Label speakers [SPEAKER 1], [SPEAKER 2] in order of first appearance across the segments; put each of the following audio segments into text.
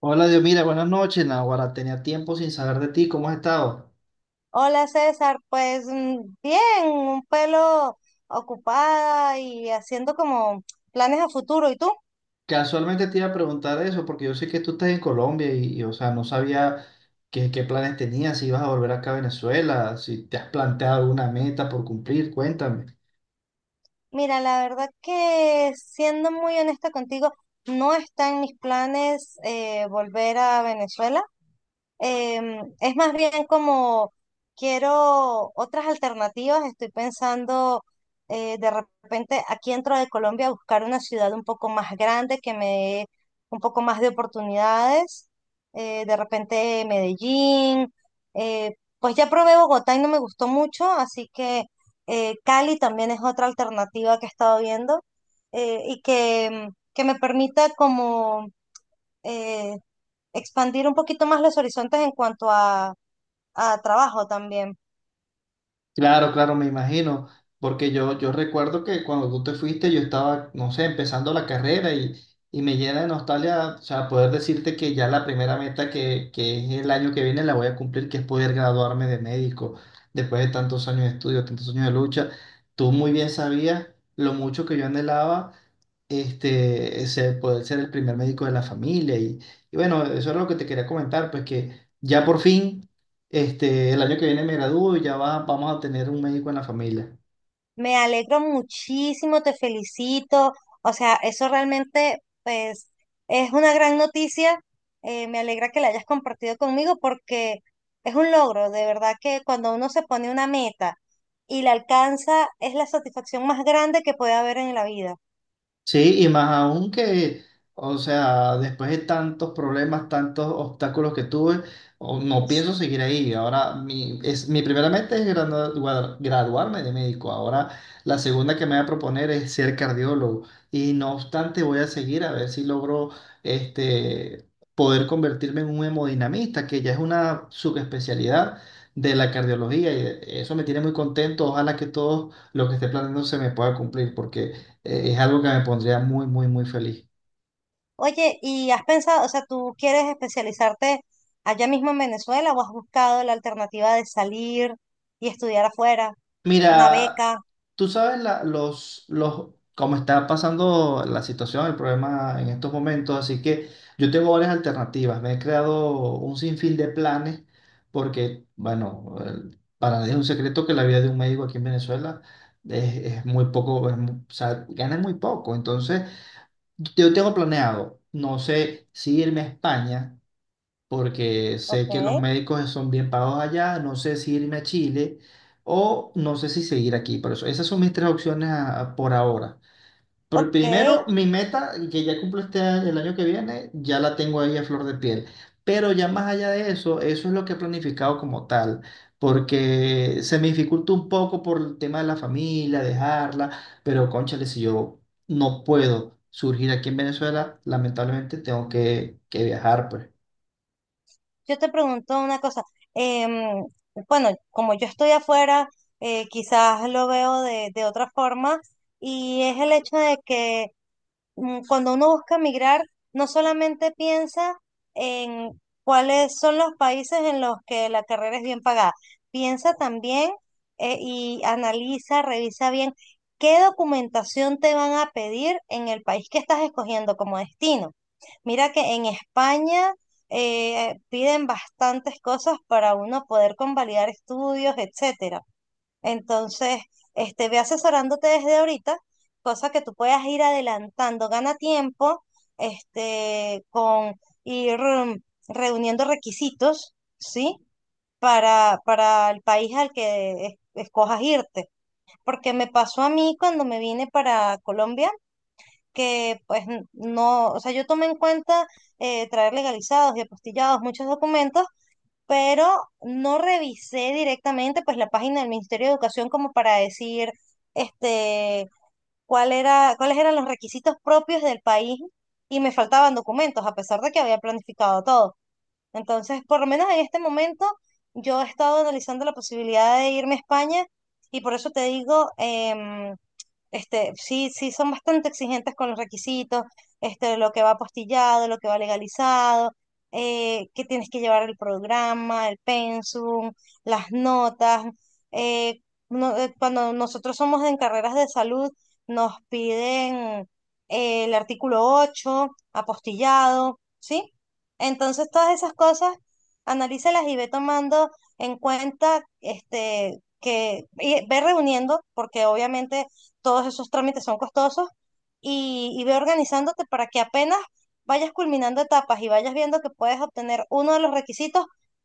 [SPEAKER 1] Hola, Dios, mira, buenas noches, Nahuara. Tenía tiempo sin saber de ti, ¿cómo has estado?
[SPEAKER 2] Hola César, pues bien, un pelo ocupada y haciendo como planes a futuro. ¿Y tú?
[SPEAKER 1] Casualmente te iba a preguntar eso, porque yo sé que tú estás en Colombia y, o sea, no sabía qué planes tenías, si ibas a volver acá a Venezuela, si te has planteado alguna meta por cumplir, cuéntame.
[SPEAKER 2] Mira, la verdad que siendo muy honesta contigo, no está en mis planes volver a Venezuela. Es más bien como quiero otras alternativas. Estoy pensando de repente aquí dentro de Colombia buscar una ciudad un poco más grande que me dé un poco más de oportunidades. De repente Medellín. eh, pues ya probé Bogotá y no me gustó mucho, así que Cali también es otra alternativa que he estado viendo, y que me permita como eh, expandir un poquito más los horizontes en cuanto a trabajo también.
[SPEAKER 1] Claro, claro, me imagino, porque yo recuerdo que cuando tú te fuiste yo estaba, no sé, empezando la carrera y me llena de nostalgia, o sea, poder decirte que ya la primera meta que es el año que viene la voy a cumplir, que es poder graduarme de médico después de tantos años de estudio, tantos años de lucha. Tú muy bien sabías lo mucho que yo anhelaba este, poder ser el primer médico de la familia. Y bueno, eso es lo que te quería comentar, pues que ya por fin este, el año que viene me gradúo y ya vamos a tener un médico en la familia.
[SPEAKER 2] Me alegro muchísimo, te felicito. O sea, eso realmente, pues, es una gran noticia. Me alegra que la hayas compartido conmigo porque es un logro, de verdad que cuando uno se pone una meta y la alcanza, es la satisfacción más grande que puede haber en la vida.
[SPEAKER 1] Sí, y más aún o sea, después de tantos problemas, tantos obstáculos que tuve, no
[SPEAKER 2] Pues,
[SPEAKER 1] pienso
[SPEAKER 2] sí.
[SPEAKER 1] seguir ahí. Ahora, mi primera meta es graduarme de médico. Ahora, la segunda que me voy a proponer es ser cardiólogo. Y no obstante, voy a seguir a ver si logro este, poder convertirme en un hemodinamista, que ya es una subespecialidad de la cardiología. Y eso me tiene muy contento. Ojalá que todo lo que esté planeando se me pueda cumplir, porque… Es algo que me pondría muy, muy, muy feliz.
[SPEAKER 2] Oye, ¿y has pensado, o sea, tú quieres especializarte allá mismo en Venezuela o has buscado la alternativa de salir y estudiar afuera? Una
[SPEAKER 1] Mira,
[SPEAKER 2] beca,
[SPEAKER 1] tú sabes cómo está pasando la situación, el problema en estos momentos, así que yo tengo varias alternativas. Me he creado un sinfín de planes porque, bueno, para nadie es un secreto que la vida de un médico aquí en Venezuela es muy poco, es o sea, gana muy poco. Entonces, yo tengo planeado, no sé si irme a España. Porque sé que los
[SPEAKER 2] ok.
[SPEAKER 1] médicos son bien pagos allá, no sé si irme a Chile o no sé si seguir aquí. Por eso, esas son mis tres opciones por ahora. Pero
[SPEAKER 2] Ok,
[SPEAKER 1] primero, mi meta, que ya cumplo el año que viene, ya la tengo ahí a flor de piel. Pero ya más allá de eso, eso es lo que he planificado como tal, porque se me dificulta un poco por el tema de la familia, dejarla, pero cónchale, si yo no puedo surgir aquí en Venezuela, lamentablemente tengo que viajar, pues.
[SPEAKER 2] yo te pregunto una cosa. em, bueno, como yo estoy afuera, quizás lo veo de otra forma y es el hecho de que cuando uno busca migrar, no solamente piensa en cuáles son los países en los que la carrera es bien pagada, piensa también, y analiza, revisa bien qué documentación te van a pedir en el país que estás escogiendo como destino. Mira que en España piden bastantes cosas para uno poder convalidar estudios, etcétera. Entonces, este, ve asesorándote desde ahorita, cosa que tú puedas ir adelantando, gana tiempo, este, con ir mm, reuniendo requisitos, ¿sí? Para el país al que es- escojas irte. Porque me pasó a mí cuando me vine para Colombia, que pues n- no, o sea, yo tomé en cuenta, traer legalizados y apostillados muchos documentos, pero no revisé directamente pues la página del Ministerio de Educación como para decir este cuál era, cuáles eran los requisitos propios del país y me faltaban documentos a pesar de que había planificado todo. Entonces, por lo menos en este momento yo he estado analizando la posibilidad de irme a España y por eso te digo, este, sí, sí, son bastante exigentes con los requisitos, este, lo que va apostillado, lo que va legalizado, que tienes que llevar el programa, el pensum, las notas. eh, no- cuando nosotros somos en carreras de salud, nos piden el artículo 8 apostillado, ¿sí? Entonces, todas esas cosas, analízalas y ve tomando en cuenta, este, que, y ve reuniendo, porque obviamente todos esos trámites son costosos y ve organizándote para que apenas vayas culminando etapas y vayas viendo que puedes obtener uno de los requisitos,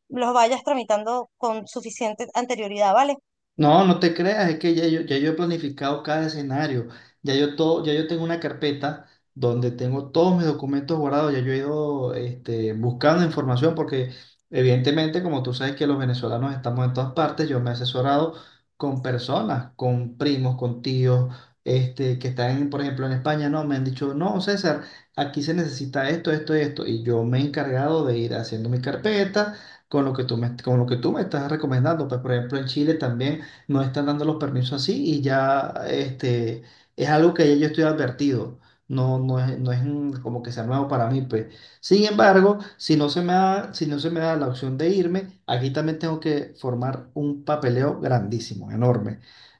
[SPEAKER 2] los vayas tramitando con suficiente anterioridad, ¿vale?
[SPEAKER 1] No, no te creas, es que ya yo he planificado cada escenario, ya yo tengo una carpeta donde tengo todos mis documentos guardados, ya yo he ido este, buscando información porque evidentemente, como tú sabes que los venezolanos estamos en todas partes, yo me he asesorado con personas, con primos, con tíos, este, que están, por ejemplo, en España, no, me han dicho, no, César, aquí se necesita esto, esto y esto, y yo me he encargado de ir haciendo mi carpeta. Con lo que tú me estás recomendando, pues por ejemplo en Chile también no están dando los permisos así y ya este, es algo que ya yo estoy advertido. No es como que sea nuevo para mí, pues. Sin embargo, si no se me da la opción de irme, aquí también tengo que formar un papeleo grandísimo, enorme.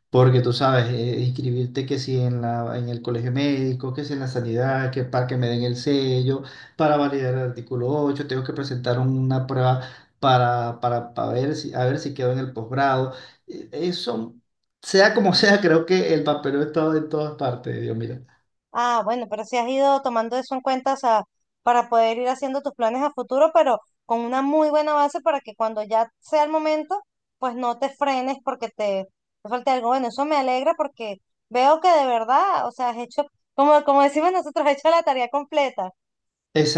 [SPEAKER 1] Porque tú sabes, inscribirte que si en la, en el colegio médico, que si en la sanidad, que para que me den el sello, para validar el artículo 8 tengo que presentar una prueba para ver a ver si quedo en el posgrado. Eso, sea como sea, creo que el papel estaba en todas partes, Dios mío.
[SPEAKER 2] Ah, bueno, pero si has ido tomando eso en cuenta, o sea, para poder ir haciendo tus planes a futuro, pero con una muy buena base para que cuando ya sea el momento, pues no te frenes porque te falte algo. Bueno, eso me alegra porque veo que de verdad, o sea, has hecho, como, como decimos nosotros, has hecho la tarea completa.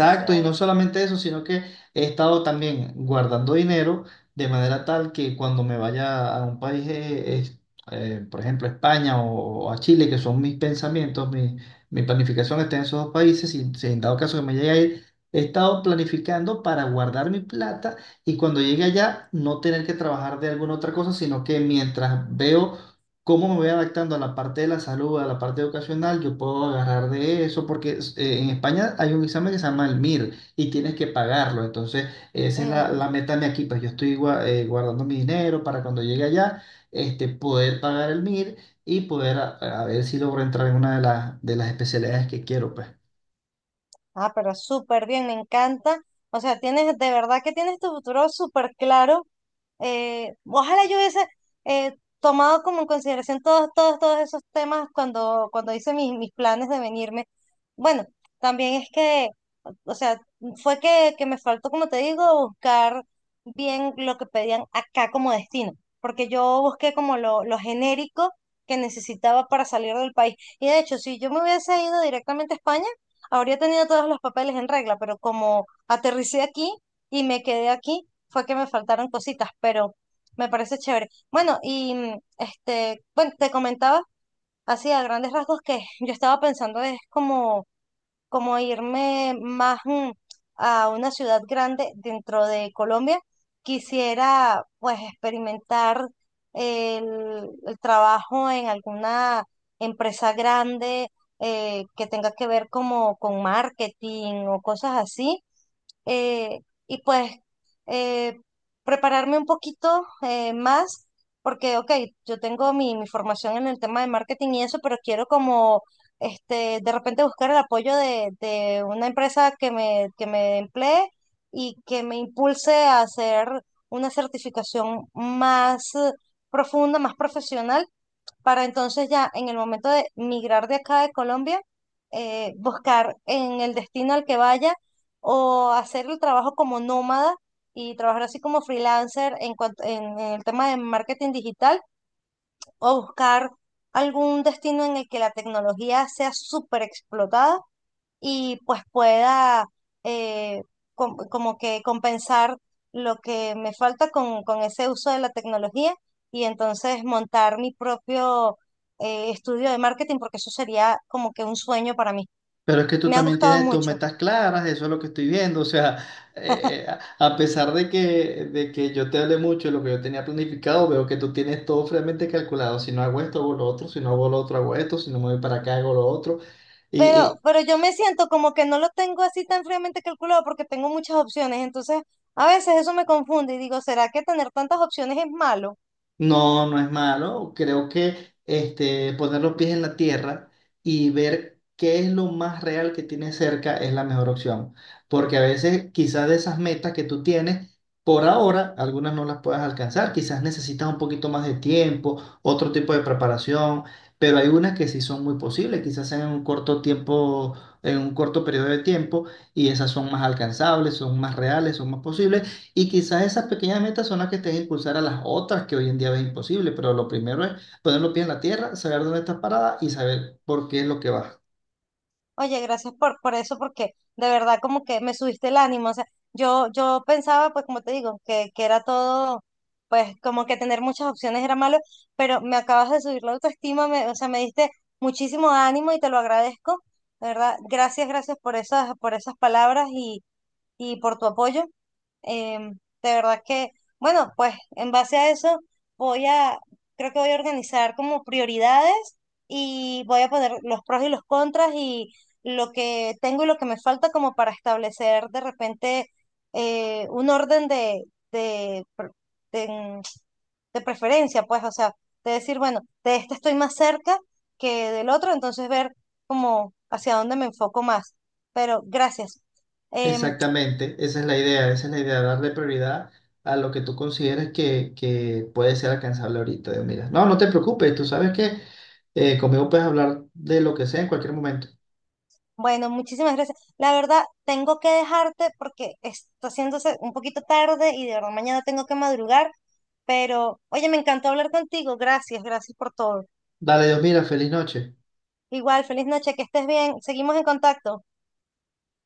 [SPEAKER 2] O
[SPEAKER 1] y
[SPEAKER 2] sea,
[SPEAKER 1] no solamente eso, sino que he estado también guardando dinero de manera tal que cuando me vaya a un país, por ejemplo, España o a Chile, que son mis pensamientos, mi planificación está en esos dos países, y si en dado caso que me llegue a ir, he estado planificando para guardar mi plata y cuando llegue allá no tener que trabajar de alguna otra cosa, sino que mientras veo cómo me voy adaptando a la parte de la salud, a la parte educacional, yo puedo agarrar de eso, porque en España hay un examen que se llama el MIR y tienes que pagarlo. Entonces, esa es
[SPEAKER 2] ujú.
[SPEAKER 1] la meta de aquí, pues yo estoy guardando mi dinero para cuando llegue allá, este, poder pagar el MIR y poder a ver si logro entrar en una de de las especialidades que quiero, pues.
[SPEAKER 2] Ah, pero súper bien, me encanta. O sea, tienes, de verdad que tienes tu futuro súper claro. Ojalá yo hubiese tomado como en consideración todos esos temas cuando, cuando hice mis, mis planes de venirme. Bueno, también es que, o sea, fue que me faltó, como te digo, buscar bien lo que pedían acá como destino, porque yo busqué como lo genérico que necesitaba para salir del país. Y de hecho, si yo me hubiese ido directamente a España, habría tenido todos los papeles en regla, pero como aterricé aquí y me quedé aquí, fue que me faltaron cositas, pero me parece chévere. Bueno, y este, bueno, te comentaba así a grandes rasgos que yo estaba pensando es como irme más a una ciudad grande dentro de Colombia, quisiera pues experimentar el trabajo en alguna empresa grande, que tenga que ver como con marketing o cosas así, eh, y pues eh, prepararme un poquito más, porque, ok, yo tengo mi, mi formación en el tema de marketing y eso, pero quiero como, este, de repente buscar el apoyo de una empresa que me emplee y que me impulse a hacer una certificación más profunda, más profesional, para entonces ya en el momento de migrar de acá de Colombia, buscar en el destino al que vaya o hacer el trabajo como nómada y trabajar así como freelancer en cuanto, en el tema de marketing digital o buscar algún destino en el que la tecnología sea súper explotada y pues pueda eh, com- como que compensar lo que me falta con ese uso de la tecnología y entonces montar mi propio estudio de marketing porque eso sería como que un sueño para mí.
[SPEAKER 1] Pero es que tú
[SPEAKER 2] Me ha
[SPEAKER 1] también
[SPEAKER 2] gustado
[SPEAKER 1] tienes tus
[SPEAKER 2] mucho,
[SPEAKER 1] metas claras, eso es lo que estoy viendo. O sea, eh, eh, a pesar de que yo te hablé mucho de lo que yo tenía planificado, veo que tú tienes todo fríamente calculado. Si no hago esto, hago lo otro. Si no hago lo otro, hago esto. Si no me voy para acá, hago lo otro. Y,
[SPEAKER 2] pero yo me siento como que no lo tengo así tan fríamente calculado porque tengo muchas opciones, entonces a veces eso me confunde y digo, ¿será que tener tantas opciones es malo?
[SPEAKER 1] no, no es malo. Creo que este, poner los pies en la tierra y ver qué es lo más real que tienes cerca es la mejor opción. Porque a veces quizás de esas metas que tú tienes, por ahora algunas no las puedas alcanzar. Quizás necesitas un poquito más de tiempo, otro tipo de preparación, pero hay unas que sí son muy posibles, quizás en un corto tiempo, en un corto periodo de tiempo, y esas son más alcanzables, son más reales, son más posibles. Y quizás esas pequeñas metas son las que te a impulsar a las otras que hoy en día ves imposible, pero lo primero es poner los pies en la tierra, saber dónde estás parada y saber por qué es lo que vas.
[SPEAKER 2] Oye, gracias por eso, porque de verdad como que me subiste el ánimo. O sea, yo pensaba, pues como te digo, que era todo, pues como que tener muchas opciones era malo, pero me acabas de subir la autoestima, me, o sea, me diste muchísimo ánimo y te lo agradezco. De verdad, gracias, gracias por esas palabras y por tu apoyo. Em, de verdad que, bueno, pues en base a eso voy a, creo que voy a organizar como prioridades y voy a poner los pros y los contras y lo que tengo y lo que me falta como para establecer de repente un orden de, pre- de, de preferencia, pues, o sea, de decir, bueno, de este estoy más cerca que del otro, entonces ver como hacia dónde me enfoco más. Pero gracias. Em,
[SPEAKER 1] Exactamente, esa es la idea, esa es la idea, darle prioridad a lo que tú consideres que puede ser alcanzable ahorita. Digo, mira, no, no te preocupes, tú sabes que conmigo puedes hablar de lo que sea en cualquier momento.
[SPEAKER 2] Bueno, muchísimas gracias. La verdad, tengo que dejarte porque está haciéndose un poquito tarde y de verdad mañana tengo que madrugar, pero oye, me encantó hablar contigo. Gracias, gracias por todo.
[SPEAKER 1] Dale, Dios, mira, feliz noche.
[SPEAKER 2] Igual, feliz noche, que estés bien. Seguimos en contacto.